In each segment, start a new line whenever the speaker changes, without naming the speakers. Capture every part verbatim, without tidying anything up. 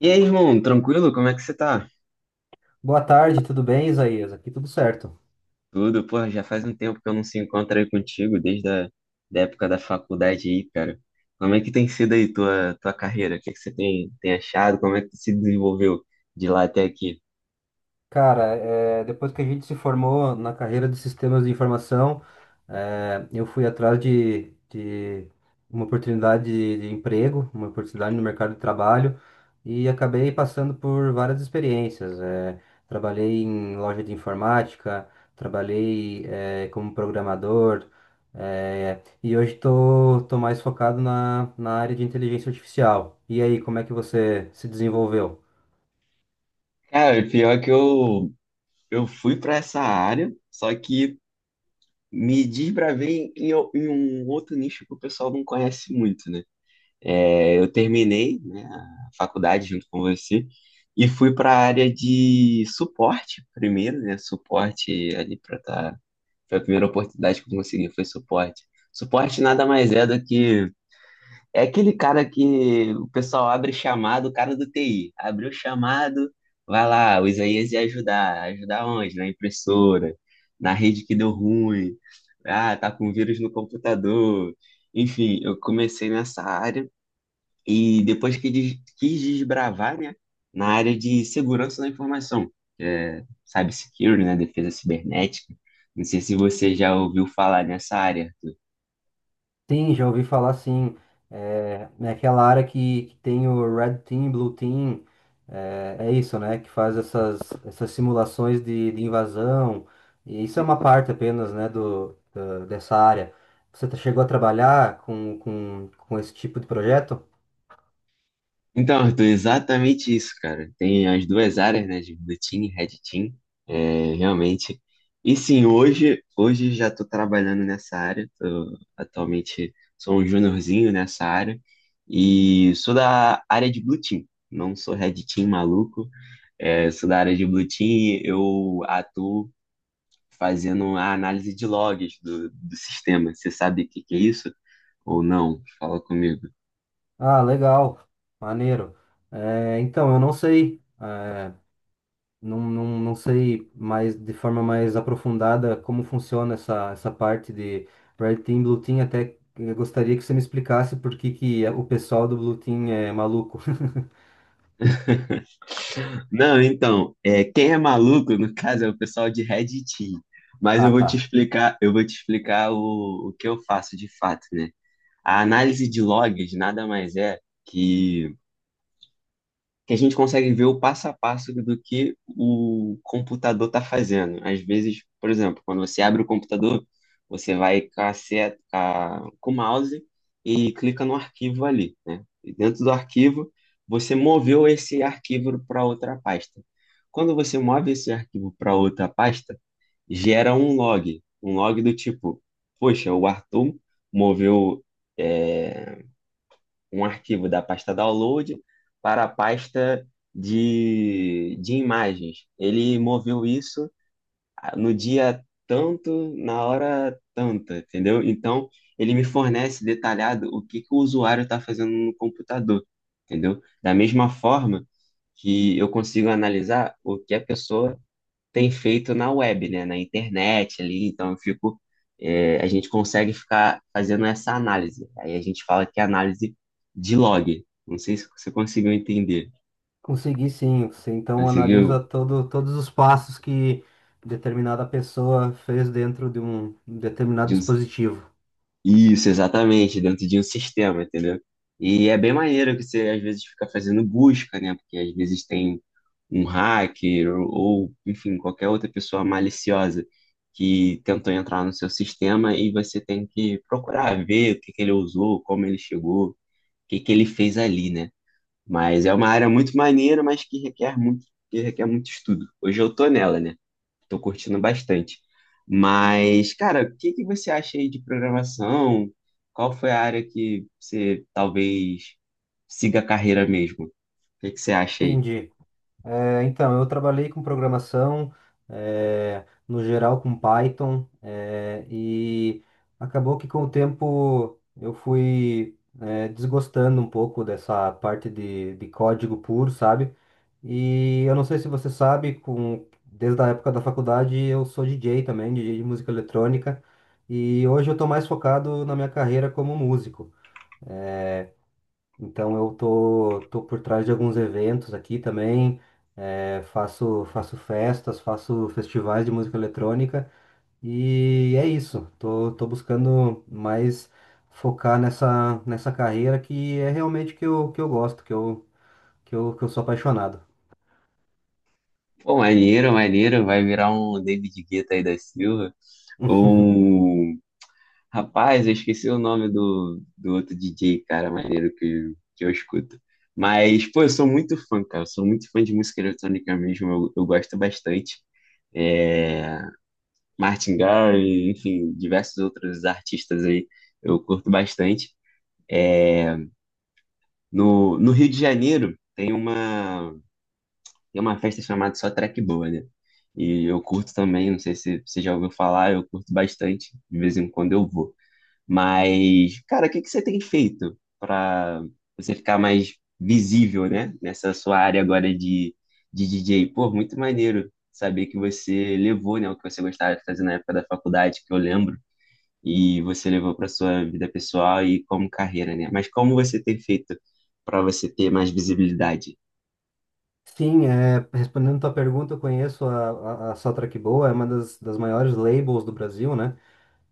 E aí, irmão, tranquilo? Como é que você tá?
Boa tarde, tudo bem, Isaías? Aqui tudo certo.
Tudo, porra, já faz um tempo que eu não se encontro aí contigo, desde a da época da faculdade aí, cara. Como é que tem sido aí tua, tua carreira? O que é que você tem, tem achado? Como é que tu se desenvolveu de lá até aqui?
Cara, é, depois que a gente se formou na carreira de sistemas de informação, é, eu fui atrás de, de uma oportunidade de, de emprego, uma oportunidade no mercado de trabalho e acabei passando por várias experiências. É, trabalhei em loja de informática, trabalhei, é, como programador, é, e hoje estou tô, tô mais focado na, na área de inteligência artificial. E aí, como é que você se desenvolveu?
Cara, pior que eu, eu fui pra essa área, só que me desbravei em, em um outro nicho que o pessoal não conhece muito, né? É, eu terminei, né, a faculdade junto com você e fui para a área de suporte primeiro, né? Suporte ali para tá, foi a primeira oportunidade que eu consegui foi suporte. Suporte nada mais é do que é aquele cara que o pessoal abre chamado, o cara do T I, abriu o chamado, vai lá, o Isaías ia ajudar, ajudar onde? Na impressora, na rede que deu ruim. Ah, tá com vírus no computador. Enfim, eu comecei nessa área e depois que des- quis desbravar, né, na área de segurança da informação, que é cybersecurity, né, defesa cibernética. Não sei se você já ouviu falar nessa área, Arthur.
Sim, já ouvi falar sim. É, naquela área que, que tem o Red Team, Blue Team, é, é isso, né? Que faz essas, essas simulações de, de invasão. E isso é uma parte apenas, né, do, da- dessa área. Você tá- chegou a trabalhar com, com, com esse tipo de projeto?
Então, Arthur, exatamente isso, cara. Tem as duas áreas, né, de Blue Team e Red Team, é, realmente. E sim, hoje, hoje já estou trabalhando nessa área. Tô- atualmente sou um juniorzinho nessa área e sou da área de Blue Team. Não sou Red Team maluco, é, sou da área de Blue Team, eu atuo fazendo a análise de logs do, do sistema. Você sabe o que que é isso? Ou não? Fala comigo.
Ah, legal, maneiro. É, então, eu não sei. É, Não, não, não sei mais de forma mais aprofundada como funciona essa, essa parte de Red Team, Blue Team. Até eh, gostaria que você me explicasse por que que o pessoal do Blue Team é maluco.
Não, então, é, quem é maluco, no caso, é o pessoal de Red Team. Mas eu
Ah,
vou
tá.
te explicar, eu vou te explicar o, o que eu faço de fato, né? A análise de logs nada mais é que que a gente consegue ver o passo a passo do que o computador está fazendo. Às vezes, por exemplo, quando você abre o computador, você vai com, a seta, com a- com o mouse e clica no arquivo ali, né? E dentro do arquivo, você moveu esse arquivo para outra pasta. Quando você move esse arquivo para outra pasta, gera um log, um log do tipo, poxa, o Arthur moveu eh, um arquivo da pasta download para a pasta de, de imagens. Ele moveu isso no dia tanto, na hora tanta, entendeu? Então, ele me fornece detalhado o que, que o usuário está fazendo no computador, entendeu? Da mesma forma que eu consigo analisar o que a pessoa tem feito na web, né, na internet ali, então eu fico, é, a gente consegue ficar fazendo essa análise. Aí a gente fala que é análise de log. Não sei se você conseguiu entender.
Consegui sim. Você então analisa
Conseguiu?
todo, todos os passos que determinada pessoa fez dentro de um determinado
De um-
dispositivo.
Isso, exatamente, dentro de um sistema, entendeu? E é bem maneiro que você às vezes fica fazendo busca, né? Porque às vezes tem um hacker ou, enfim, qualquer outra pessoa maliciosa que tentou entrar no seu sistema e você tem que procurar ver o que que ele usou, como ele chegou, o que que ele fez ali, né? Mas é uma área muito maneira, mas que requer muito, que requer muito estudo. Hoje eu tô nela, né? Tô curtindo bastante. Mas, cara, o que que você acha aí de programação? Qual foi a área que você talvez siga a carreira mesmo? O que que você acha aí?
Entendi. É, então, eu trabalhei com programação, é, no geral com Python, é, e acabou que com o tempo eu fui, é, desgostando um pouco dessa parte de, de código puro, sabe? E eu não sei se você sabe, com, desde a época da faculdade eu sou D J também, D J de música eletrônica, e hoje eu estou mais focado na minha carreira como músico. Então eu tô, tô por trás de alguns eventos aqui também, eh, faço, faço festas, faço festivais de música eletrônica e é isso. Tô, tô buscando mais focar nessa, nessa carreira que é realmente que eu, que eu gosto, que eu, que eu, que eu sou apaixonado.
Pô, maneiro, maneiro. Vai virar um David Guetta aí da Silva. Ou um rapaz, eu esqueci o nome do, do outro D J, cara, maneiro que, que eu escuto. Mas, pô, eu sou muito fã, cara. Eu sou muito fã de música eletrônica mesmo. Eu, eu gosto bastante. É, Martin Garrix, enfim, diversos outros artistas aí. Eu curto bastante. É, no, no Rio de Janeiro, tem uma. Tem uma festa chamada Só Track Boa, né? E eu curto também, não sei se você já ouviu falar, eu curto bastante, de vez em quando eu vou. Mas, cara, o que que você tem feito para você ficar mais visível, né? Nessa sua área agora de, de D J? Pô, muito maneiro saber que você levou, né, o que você gostava de fazer na época da faculdade, que eu lembro, e você levou para sua vida pessoal e como carreira, né? Mas como você tem feito para você ter mais visibilidade?
Sim, é, respondendo tua pergunta, eu conheço a, a, a Soundtrack Boa, é uma das, das maiores labels do Brasil, né?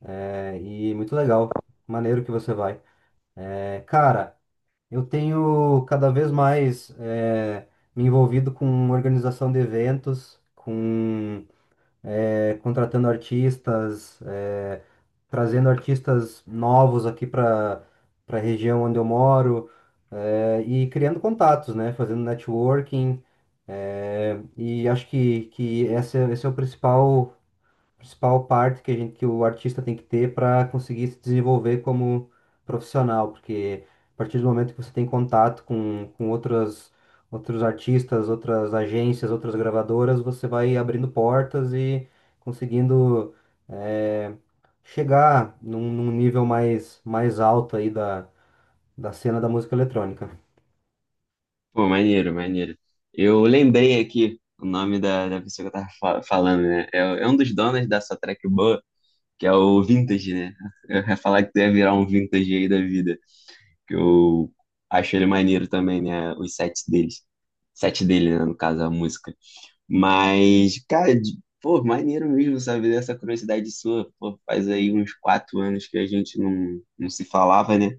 É, e muito legal, maneiro que você vai. É, cara. Eu tenho cada vez mais eh, me envolvido com organização de eventos, com eh, contratando artistas, eh, trazendo artistas novos aqui para para a região onde eu moro, eh, e criando contatos, né? Fazendo networking. Eh, e acho que, que esse, é- esse é o principal principal parte que a gente, que o artista tem que ter para conseguir se desenvolver como profissional, porque a partir do momento que você tem contato com, com outras, outros artistas, outras agências, outras gravadoras, você vai abrindo portas e conseguindo eh, chegar num, num nível mais, mais alto aí da, da cena da música eletrônica.
Pô, maneiro, maneiro. Eu lembrei aqui o nome da, da pessoa que eu tava fa- falando, né? É, é um dos donos da sua track boa, que é o Vintage, né? Eu ia falar que tu ia virar um Vintage aí da vida, que eu acho ele maneiro também, né? Os sets deles. Set dele, né? No caso, a música. Mas, cara, de- pô, maneiro mesmo, sabe? Dessa curiosidade sua. Pô, faz aí uns quatro anos que a gente não, não se falava, né?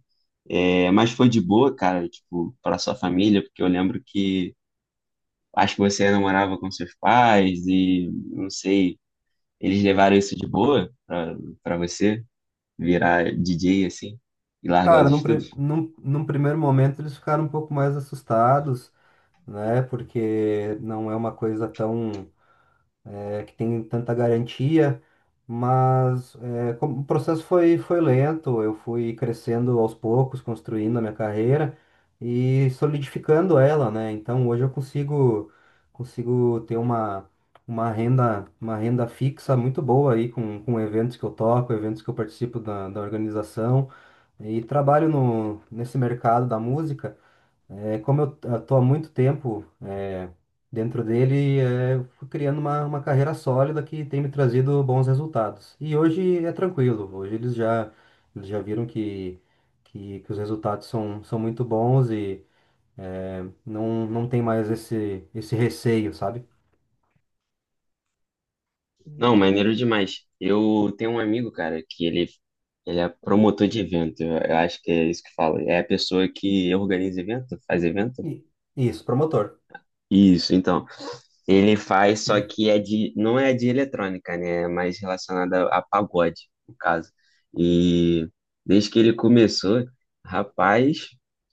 É, mas foi de boa, cara, tipo, para sua família, porque eu lembro que acho que você não morava com seus pais e não sei, eles levaram isso de boa pra para você virar D J assim e largar os
Cara, num, pri-
estudos?
num, num primeiro momento eles ficaram um pouco mais assustados, né? Porque não é uma coisa tão é, que tem tanta garantia, mas é, como o processo foi, foi lento, eu fui crescendo aos poucos, construindo a minha carreira e solidificando ela, né? Então hoje eu consigo, consigo ter uma, uma renda, uma renda fixa muito boa aí com, com eventos que eu toco, eventos que eu participo da, da organização e trabalho no, nesse mercado da música. É, como eu estou há muito tempo é, dentro dele, é, fui criando uma, uma carreira sólida que tem me trazido bons resultados. E hoje é tranquilo, hoje eles já, eles já viram que, que, que os resultados são, são muito bons e é, não, não tem mais esse, esse receio, sabe?
Não, maneiro demais. Eu tenho um amigo, cara, que ele ele é promotor de evento. Eu eu acho que é isso que fala. É a pessoa que organiza evento, faz evento.
E- Isso, promotor.
Isso, então. Ele faz, só que é de, não é de eletrônica, né? É mais relacionada a pagode, no caso. E desde que ele começou, rapaz,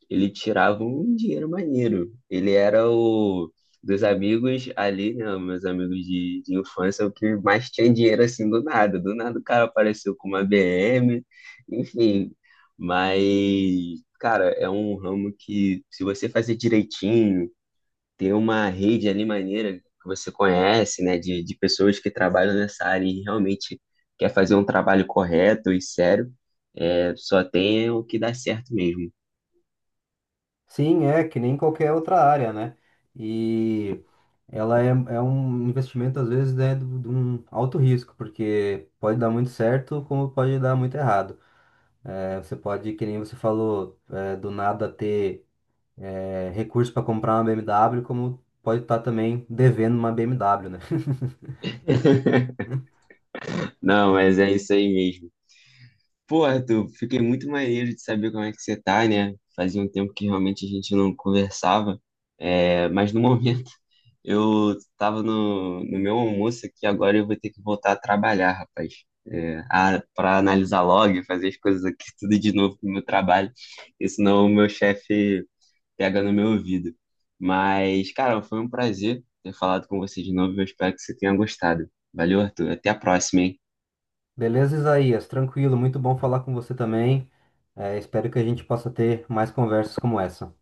ele tirava um dinheiro maneiro. Ele era o dos amigos ali, né? Meus amigos de, de infância, o que mais tinha dinheiro assim do nada. Do nada o cara apareceu com uma B M, enfim. Mas, cara, é um ramo que se você fazer direitinho, ter uma rede ali maneira que você conhece, né, de, de pessoas que trabalham nessa área e realmente quer fazer um trabalho correto e sério, é, só tem o que dá certo mesmo.
Sim, é que nem qualquer outra área, né? E. Ela é, é um investimento, às vezes, né, do- de um alto risco, porque pode dar muito certo, como pode dar muito errado. É, você pode, que nem você falou, é, do nada ter é, recurso para comprar uma B M W, como pode estar também devendo uma B M W, né?
Não, mas é isso aí mesmo. Pô, Arthur, fiquei muito maneiro de saber como é que você tá, né? Fazia um tempo que realmente a gente não conversava, é, mas no momento eu tava no, no meu almoço aqui, agora eu vou ter que voltar a trabalhar, rapaz. É, a, para analisar log, fazer as coisas aqui tudo de novo pro meu trabalho, porque senão o meu chefe pega no meu ouvido. Mas, cara, foi um prazer ter falado com você de novo. Eu espero que você tenha gostado. Valeu, Arthur. Até a próxima, hein?
Beleza, Isaías? Tranquilo, muito bom falar com você também. É, espero que a gente possa ter mais conversas como essa.